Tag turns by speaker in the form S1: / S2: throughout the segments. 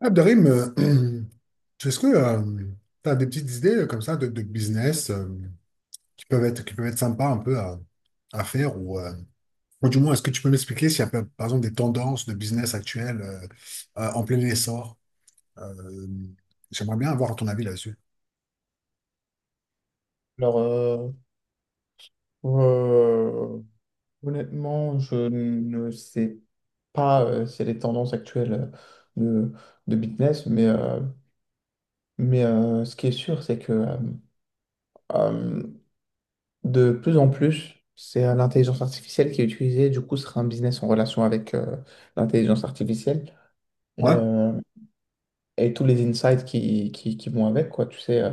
S1: Abderrahim, est-ce que tu as des petites idées comme ça de business qui peuvent être sympas un peu à faire ou du moins, est-ce que tu peux m'expliquer s'il y a par exemple des tendances de business actuelles en plein essor? Euh, J'aimerais bien avoir ton avis là-dessus.
S2: Alors, euh, euh, Honnêtement, je ne sais pas c'est les tendances actuelles de, de business, ce qui est sûr, c'est que euh, de plus en plus, c'est l'intelligence artificielle qui est utilisée. Du coup, ce sera un business en relation avec l'intelligence artificielle et,
S1: Ouais,
S2: euh, et tous les insights qui vont avec, quoi. Tu sais,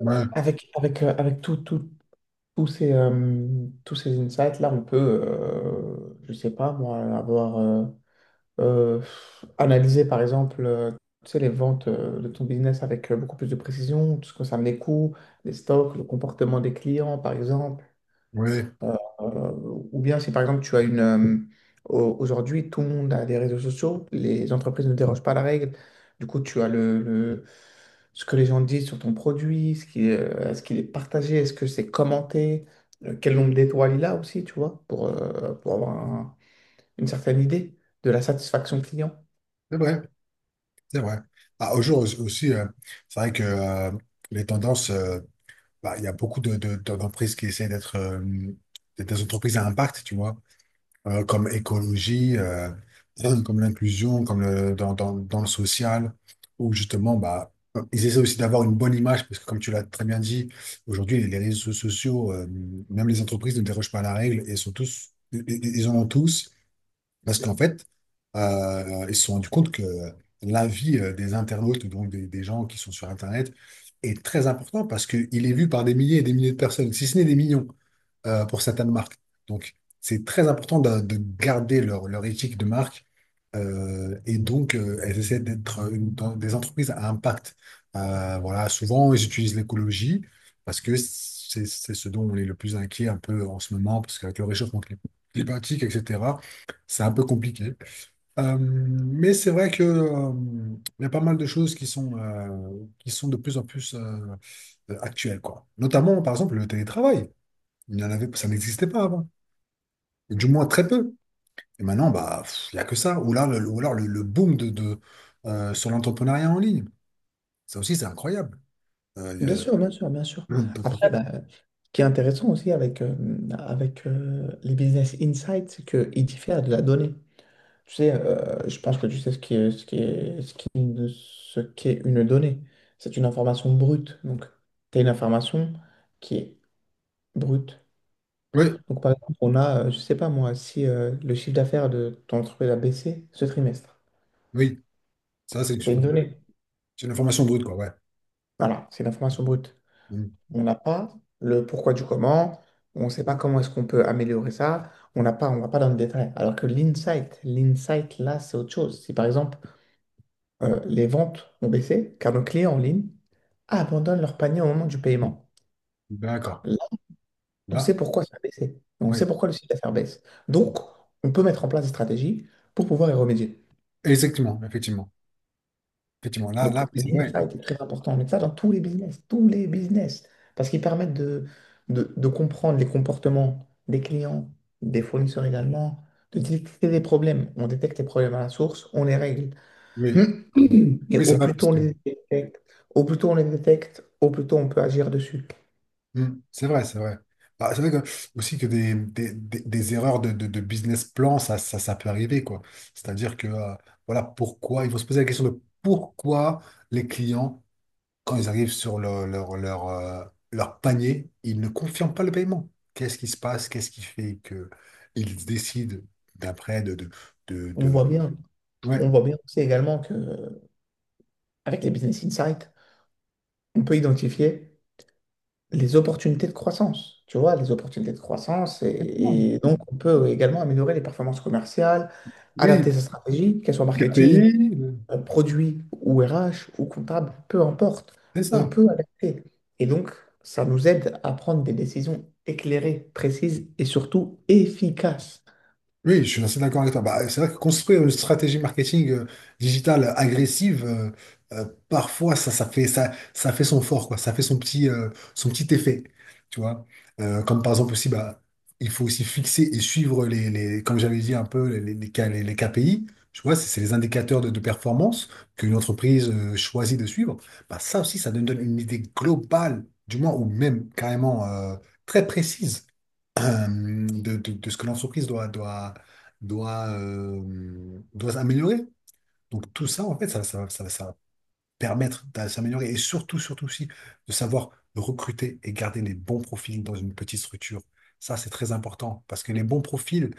S1: ouais,
S2: avec tout, tous ces, tous ces insights-là, on peut, je sais pas moi, avoir euh, analysé par exemple tu sais, les ventes de ton business avec beaucoup plus de précision, tout ce que ça met coût, les stocks, le comportement des clients par exemple,
S1: ouais,
S2: euh, ou bien si par exemple tu as aujourd'hui, tout le monde a des réseaux sociaux, les entreprises ne dérogent pas à la règle. Du coup, tu as ce que les gens disent sur ton produit, est-ce qu'il est partagé, est-ce que c'est commenté, quel nombre d'étoiles il a aussi, tu vois, pour avoir une certaine idée de la satisfaction client.
S1: c'est vrai, c'est vrai. Ah, aujourd'hui aussi, c'est vrai que les tendances, bah, il y a beaucoup d'entreprises qui essaient d'être des entreprises à impact, tu vois. Comme écologie, comme l'inclusion, dans le social, où justement, bah, ils essaient aussi d'avoir une bonne image, parce que comme tu l'as très bien dit, aujourd'hui, les réseaux sociaux, même les entreprises ne dérogent pas à la règle, et sont tous, ils en ont tous, parce qu'en fait, ils se sont rendus compte que l'avis des internautes, donc des gens qui sont sur Internet, est très important, parce qu'il est vu par des milliers et des milliers de personnes, si ce n'est des millions pour certaines marques. Donc, c'est très important de garder leur éthique de marque. Et donc, elles essaient d'être dans des entreprises à impact. Voilà, souvent, ils utilisent l'écologie parce que c'est ce dont on est le plus inquiet un peu en ce moment, parce qu'avec le réchauffement climatique, etc., c'est un peu compliqué. Mais c'est vrai que, il y a pas mal de choses qui sont de plus en plus actuelles, quoi. Notamment, par exemple, le télétravail. Il n'y en avait, ça n'existait pas avant. Et du moins très peu. Et maintenant, bah, pff, il n'y a que ça. Ou alors le boom sur l'entrepreneuriat en ligne. Ça aussi, c'est incroyable. Euh, il y
S2: Bien
S1: a-
S2: sûr, bien sûr, bien sûr.
S1: peu qu'on
S2: Après,
S1: fait.
S2: bah, ce qui est intéressant aussi avec les business insights, c'est qu'ils diffèrent de la donnée. Tu sais, je pense que tu sais ce qui est, ce qui est, ce qui est une, ce qu'est une donnée. C'est une information brute. Donc, tu as une information qui est brute.
S1: Oui,
S2: Donc, par exemple, on a, je sais pas moi, si le chiffre d'affaires de ton entreprise a baissé ce trimestre,
S1: oui. Ça, c'est
S2: c'est une donnée.
S1: c'est une information brute, quoi. Ouais.
S2: Voilà, c'est une information brute.
S1: Mm.
S2: On n'a pas le pourquoi du comment, on ne sait pas comment est-ce qu'on peut améliorer ça, on n'a pas, on va pas dans le détail. Alors que l'insight, l'insight là, c'est autre chose. Si par exemple, les ventes ont baissé, car nos clients en ligne abandonnent leur panier au moment du paiement,
S1: D'accord.
S2: là, on
S1: Là,
S2: sait pourquoi ça a baissé. On
S1: oui.
S2: sait pourquoi le chiffre d'affaires baisse. Donc, on peut mettre en place des stratégies pour pouvoir y remédier.
S1: Exactement, effectivement. Effectivement. Là,
S2: Donc,
S1: là, oui, c'est vrai.
S2: l'insight est très important, mais ça dans tous les business, parce qu'ils permettent de comprendre les comportements des clients, des fournisseurs également, de détecter des problèmes. On détecte les problèmes à la source, on les règle.
S1: Oui. Mmh.
S2: Et
S1: Oui, c'est
S2: au
S1: vrai,
S2: plus
S1: parce
S2: tôt on
S1: que.
S2: les détecte, au plus tôt on les détecte, au plus tôt on peut agir dessus.
S1: Mm. C'est vrai, c'est vrai. Ah, c'est vrai que, aussi que des erreurs de business plan, ça peut arriver, quoi. C'est-à-dire que, voilà, pourquoi, il faut se poser la question de pourquoi les clients, quand ils arrivent sur leur panier, ils ne confirment pas le paiement. Qu'est-ce qui se passe? Qu'est-ce qui fait que ils décident d'après de,
S2: On
S1: de-
S2: voit bien,
S1: Ouais.
S2: on voit bien aussi également que avec les business insights, on peut identifier les opportunités de croissance, tu vois, les opportunités de croissance. Et donc, on peut également améliorer les performances commerciales,
S1: Oui,
S2: adapter sa stratégie, qu'elle soit marketing,
S1: KPI,
S2: produit ou RH ou comptable, peu importe.
S1: c'est
S2: On
S1: ça.
S2: peut adapter. Et donc, ça nous aide à prendre des décisions éclairées, précises et surtout efficaces.
S1: Oui, je suis assez d'accord avec toi. Bah, c'est vrai que construire une stratégie marketing digitale agressive, parfois ça fait son fort, quoi. Ça fait son petit effet, tu vois. Comme par exemple aussi, bah, il faut aussi fixer et suivre les comme j'avais dit un peu les KPI. Tu vois, c'est les indicateurs de performance qu'une entreprise choisit de suivre. Bah, ça aussi, ça nous donne une idée globale, du moins ou même carrément très précise de, de ce que l'entreprise doit améliorer. Donc tout ça, en fait, ça va permettre de s'améliorer et surtout, surtout aussi, de savoir recruter et garder les bons profils dans une petite structure. Ça, c'est très important parce que les bons profils,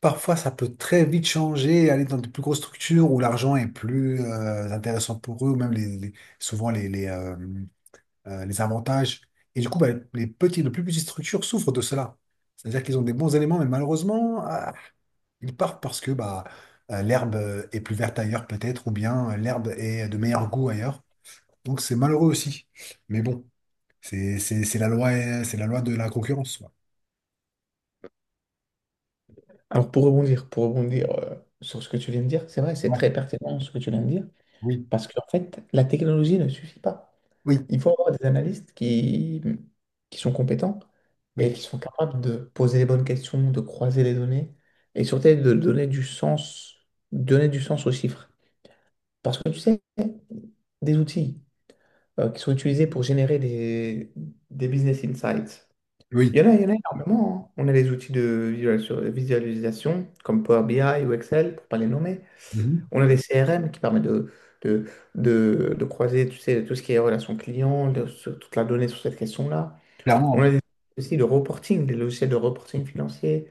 S1: parfois, ça peut très vite changer, aller dans de plus grosses structures où l'argent est plus intéressant pour eux, même souvent les avantages. Et du coup, bah, les plus petites structures souffrent de cela. C'est-à-dire qu'ils ont des bons éléments, mais malheureusement, ah, ils partent parce que bah, l'herbe est plus verte ailleurs, peut-être, ou bien l'herbe est de meilleur goût ailleurs. Donc c'est malheureux aussi. Mais bon, c'est la loi, c'est la loi de la concurrence, quoi.
S2: Alors, pour rebondir sur ce que tu viens de dire, c'est vrai, c'est
S1: Ouais,
S2: très pertinent ce que tu viens de dire,
S1: oui,
S2: parce qu'en fait, la technologie ne suffit pas.
S1: oui,
S2: Il faut avoir des analystes qui sont compétents et
S1: oui,
S2: qui sont capables de poser les bonnes questions, de croiser les données et surtout de donner du sens aux chiffres. Parce que tu sais, des outils qui sont utilisés pour générer des business insights, il y
S1: oui.
S2: en a, il y en a énormément, hein. On a les outils de visualisation comme Power BI ou Excel, pour ne pas les nommer.
S1: Mhm.
S2: On a des CRM qui permettent de, de croiser, tu sais, tout ce qui est relation client, sur toute la donnée sur cette question-là.
S1: Clairement,
S2: On
S1: ouais.
S2: a des, aussi de reporting, des logiciels de reporting financier.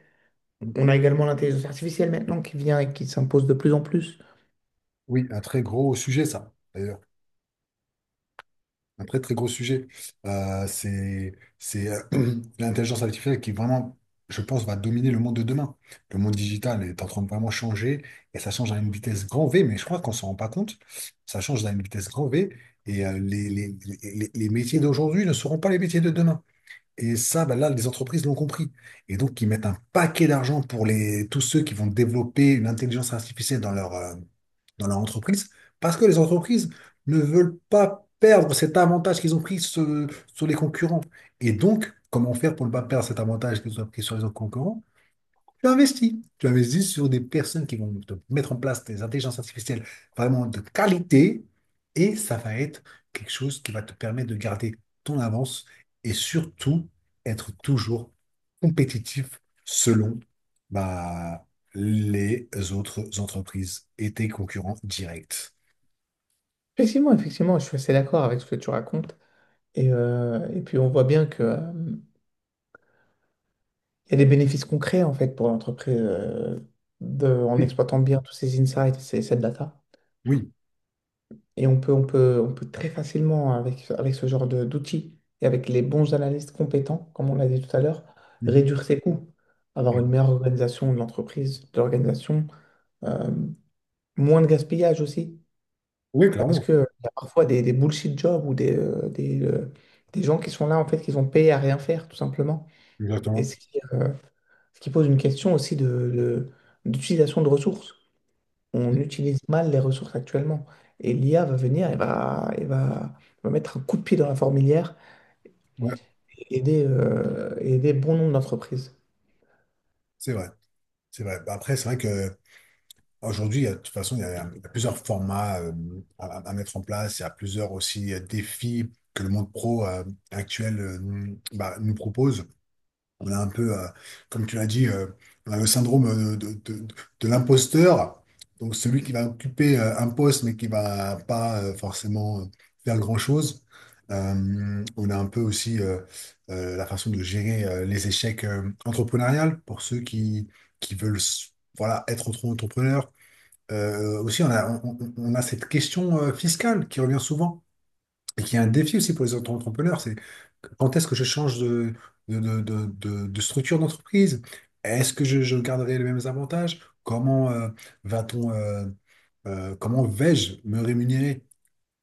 S1: Oui,
S2: On a également l'intelligence artificielle maintenant qui vient et qui s'impose de plus en plus.
S1: oui, un très gros sujet, ça, d'ailleurs. Après, très gros sujet, Euh, c'est c'est l'intelligence artificielle qui vraiment, je pense, va dominer le monde de demain. Le monde digital est en train de vraiment changer et ça change à une vitesse grand V, mais je crois qu'on s'en rend pas compte. Ça change à une vitesse grand V et les métiers d'aujourd'hui ne seront pas les métiers de demain. Et ça, ben là, les entreprises l'ont compris. Et donc, ils mettent un paquet d'argent pour tous ceux qui vont développer une intelligence artificielle dans leur entreprise, parce que les entreprises ne veulent pas perdre cet avantage qu'ils ont pris sur, sur les concurrents. Et donc, comment faire pour ne pas perdre cet avantage qu'ils ont pris sur les autres concurrents? Tu investis. Tu investis sur des personnes qui vont te mettre en place des intelligences artificielles vraiment de qualité et ça va être quelque chose qui va te permettre de garder ton avance et surtout être toujours compétitif selon bah, les autres entreprises et tes concurrents directs.
S2: Effectivement, effectivement, je suis assez d'accord avec ce que tu racontes. Et puis on voit bien que, il y a des bénéfices concrets en fait pour l'entreprise de, en
S1: Oui,
S2: exploitant bien tous ces insights, ces, cette data.
S1: oui.
S2: Et on peut, on peut, on peut très facilement, avec ce genre d'outils et avec les bons analystes compétents, comme on l'a dit tout à l'heure,
S1: Mhm.
S2: réduire ses coûts, avoir une meilleure organisation de l'entreprise, de l'organisation, euh, moins de gaspillage aussi,
S1: Oui,
S2: parce
S1: clairement.
S2: que il y a parfois des bullshit jobs ou des gens qui sont là, en fait, qui sont payés à rien faire, tout simplement. Et
S1: Exactement.
S2: ce qui pose une question aussi de, de- d'utilisation de ressources, on utilise mal les ressources actuellement. Et l'IA va venir va mettre un coup de pied dans la fourmilière
S1: Ouais,
S2: et aider bon nombre d'entreprises.
S1: c'est vrai. C'est vrai. Bah, après, c'est vrai que aujourd'hui, de toute façon, il y a plusieurs formats à mettre en place. Il y a plusieurs aussi défis que le monde pro actuel nous propose. On a un peu, comme tu l'as dit, on a le syndrome de l'imposteur. Donc celui qui va occuper un poste mais qui va pas forcément faire grand-chose. On a un peu aussi la façon de gérer les échecs entrepreneuriales pour ceux qui veulent voilà, être auto entrepreneurs aussi, on a cette question fiscale qui revient souvent et qui est un défi aussi pour les auto entrepreneurs. C'est quand est-ce que je change de, de- de- de structure d'entreprise? Est-ce que je garderai les mêmes avantages? Comment va-t-on, comment vais-je me rémunérer?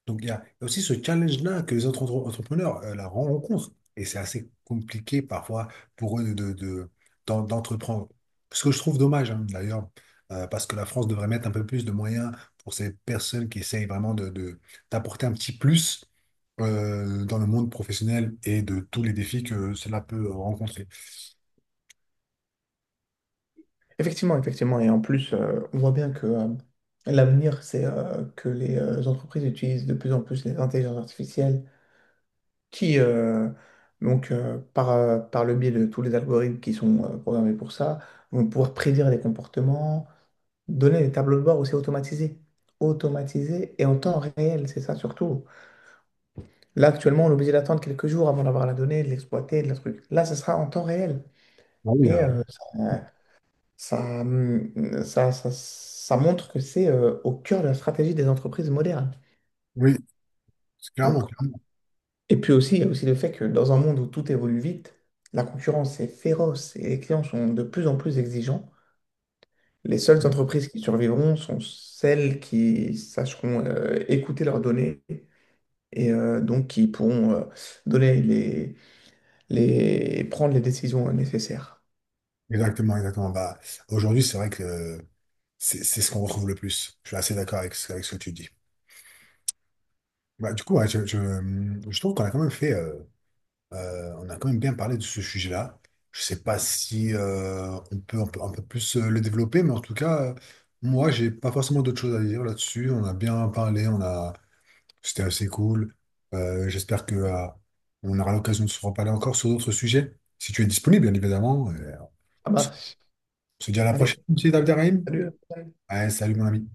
S1: Donc, il y a aussi ce challenge-là que les autres entrepreneurs la rencontrent. Et c'est assez compliqué parfois pour eux d'entreprendre. Ce que je trouve dommage, hein, d'ailleurs, parce que la France devrait mettre un peu plus de moyens pour ces personnes qui essayent vraiment d'apporter un petit plus dans le monde professionnel et de tous les défis que cela peut rencontrer.
S2: Effectivement, effectivement. Et en plus, on voit bien que l'avenir, c'est que les entreprises utilisent de plus en plus les intelligences artificielles qui, donc, par le biais de tous les algorithmes qui sont programmés pour ça, vont pouvoir prédire les comportements, donner des tableaux de bord aussi automatisés. Automatisés et en temps réel, c'est ça surtout. Là, actuellement, on est obligé d'attendre quelques jours avant d'avoir la donnée, de l'exploiter, de la truc. Là, ça sera en temps réel.
S1: Ah oui,
S2: Et euh, ça, ça montre que c'est au cœur de la stratégie des entreprises modernes.
S1: oui, clairement,
S2: Donc,
S1: clairement.
S2: et puis aussi, il y a aussi le fait que dans un monde où tout évolue vite, la concurrence est féroce et les clients sont de plus en plus exigeants. Les seules entreprises qui survivront sont celles qui sacheront écouter leurs données et donc qui pourront donner les prendre les décisions nécessaires.
S1: Exactement, exactement. Bah, aujourd'hui, c'est vrai que c'est ce qu'on retrouve le plus. Je suis assez d'accord avec ce que tu dis. Bah, du coup, ouais, je trouve qu'on a quand même fait, on a quand même bien parlé de ce sujet-là. Je sais pas si on peut un peu plus le développer, mais en tout cas, moi, j'ai pas forcément d'autres choses à dire là-dessus. On a bien parlé, c'était assez cool. J'espère que on aura l'occasion de se reparler encore sur d'autres sujets, si tu es disponible, bien évidemment.
S2: Ça marche.
S1: On se dit à la
S2: Allez,
S1: prochaine, monsieur Abderrahim.
S2: salut. À la prochaine.
S1: Allez, salut mon ami.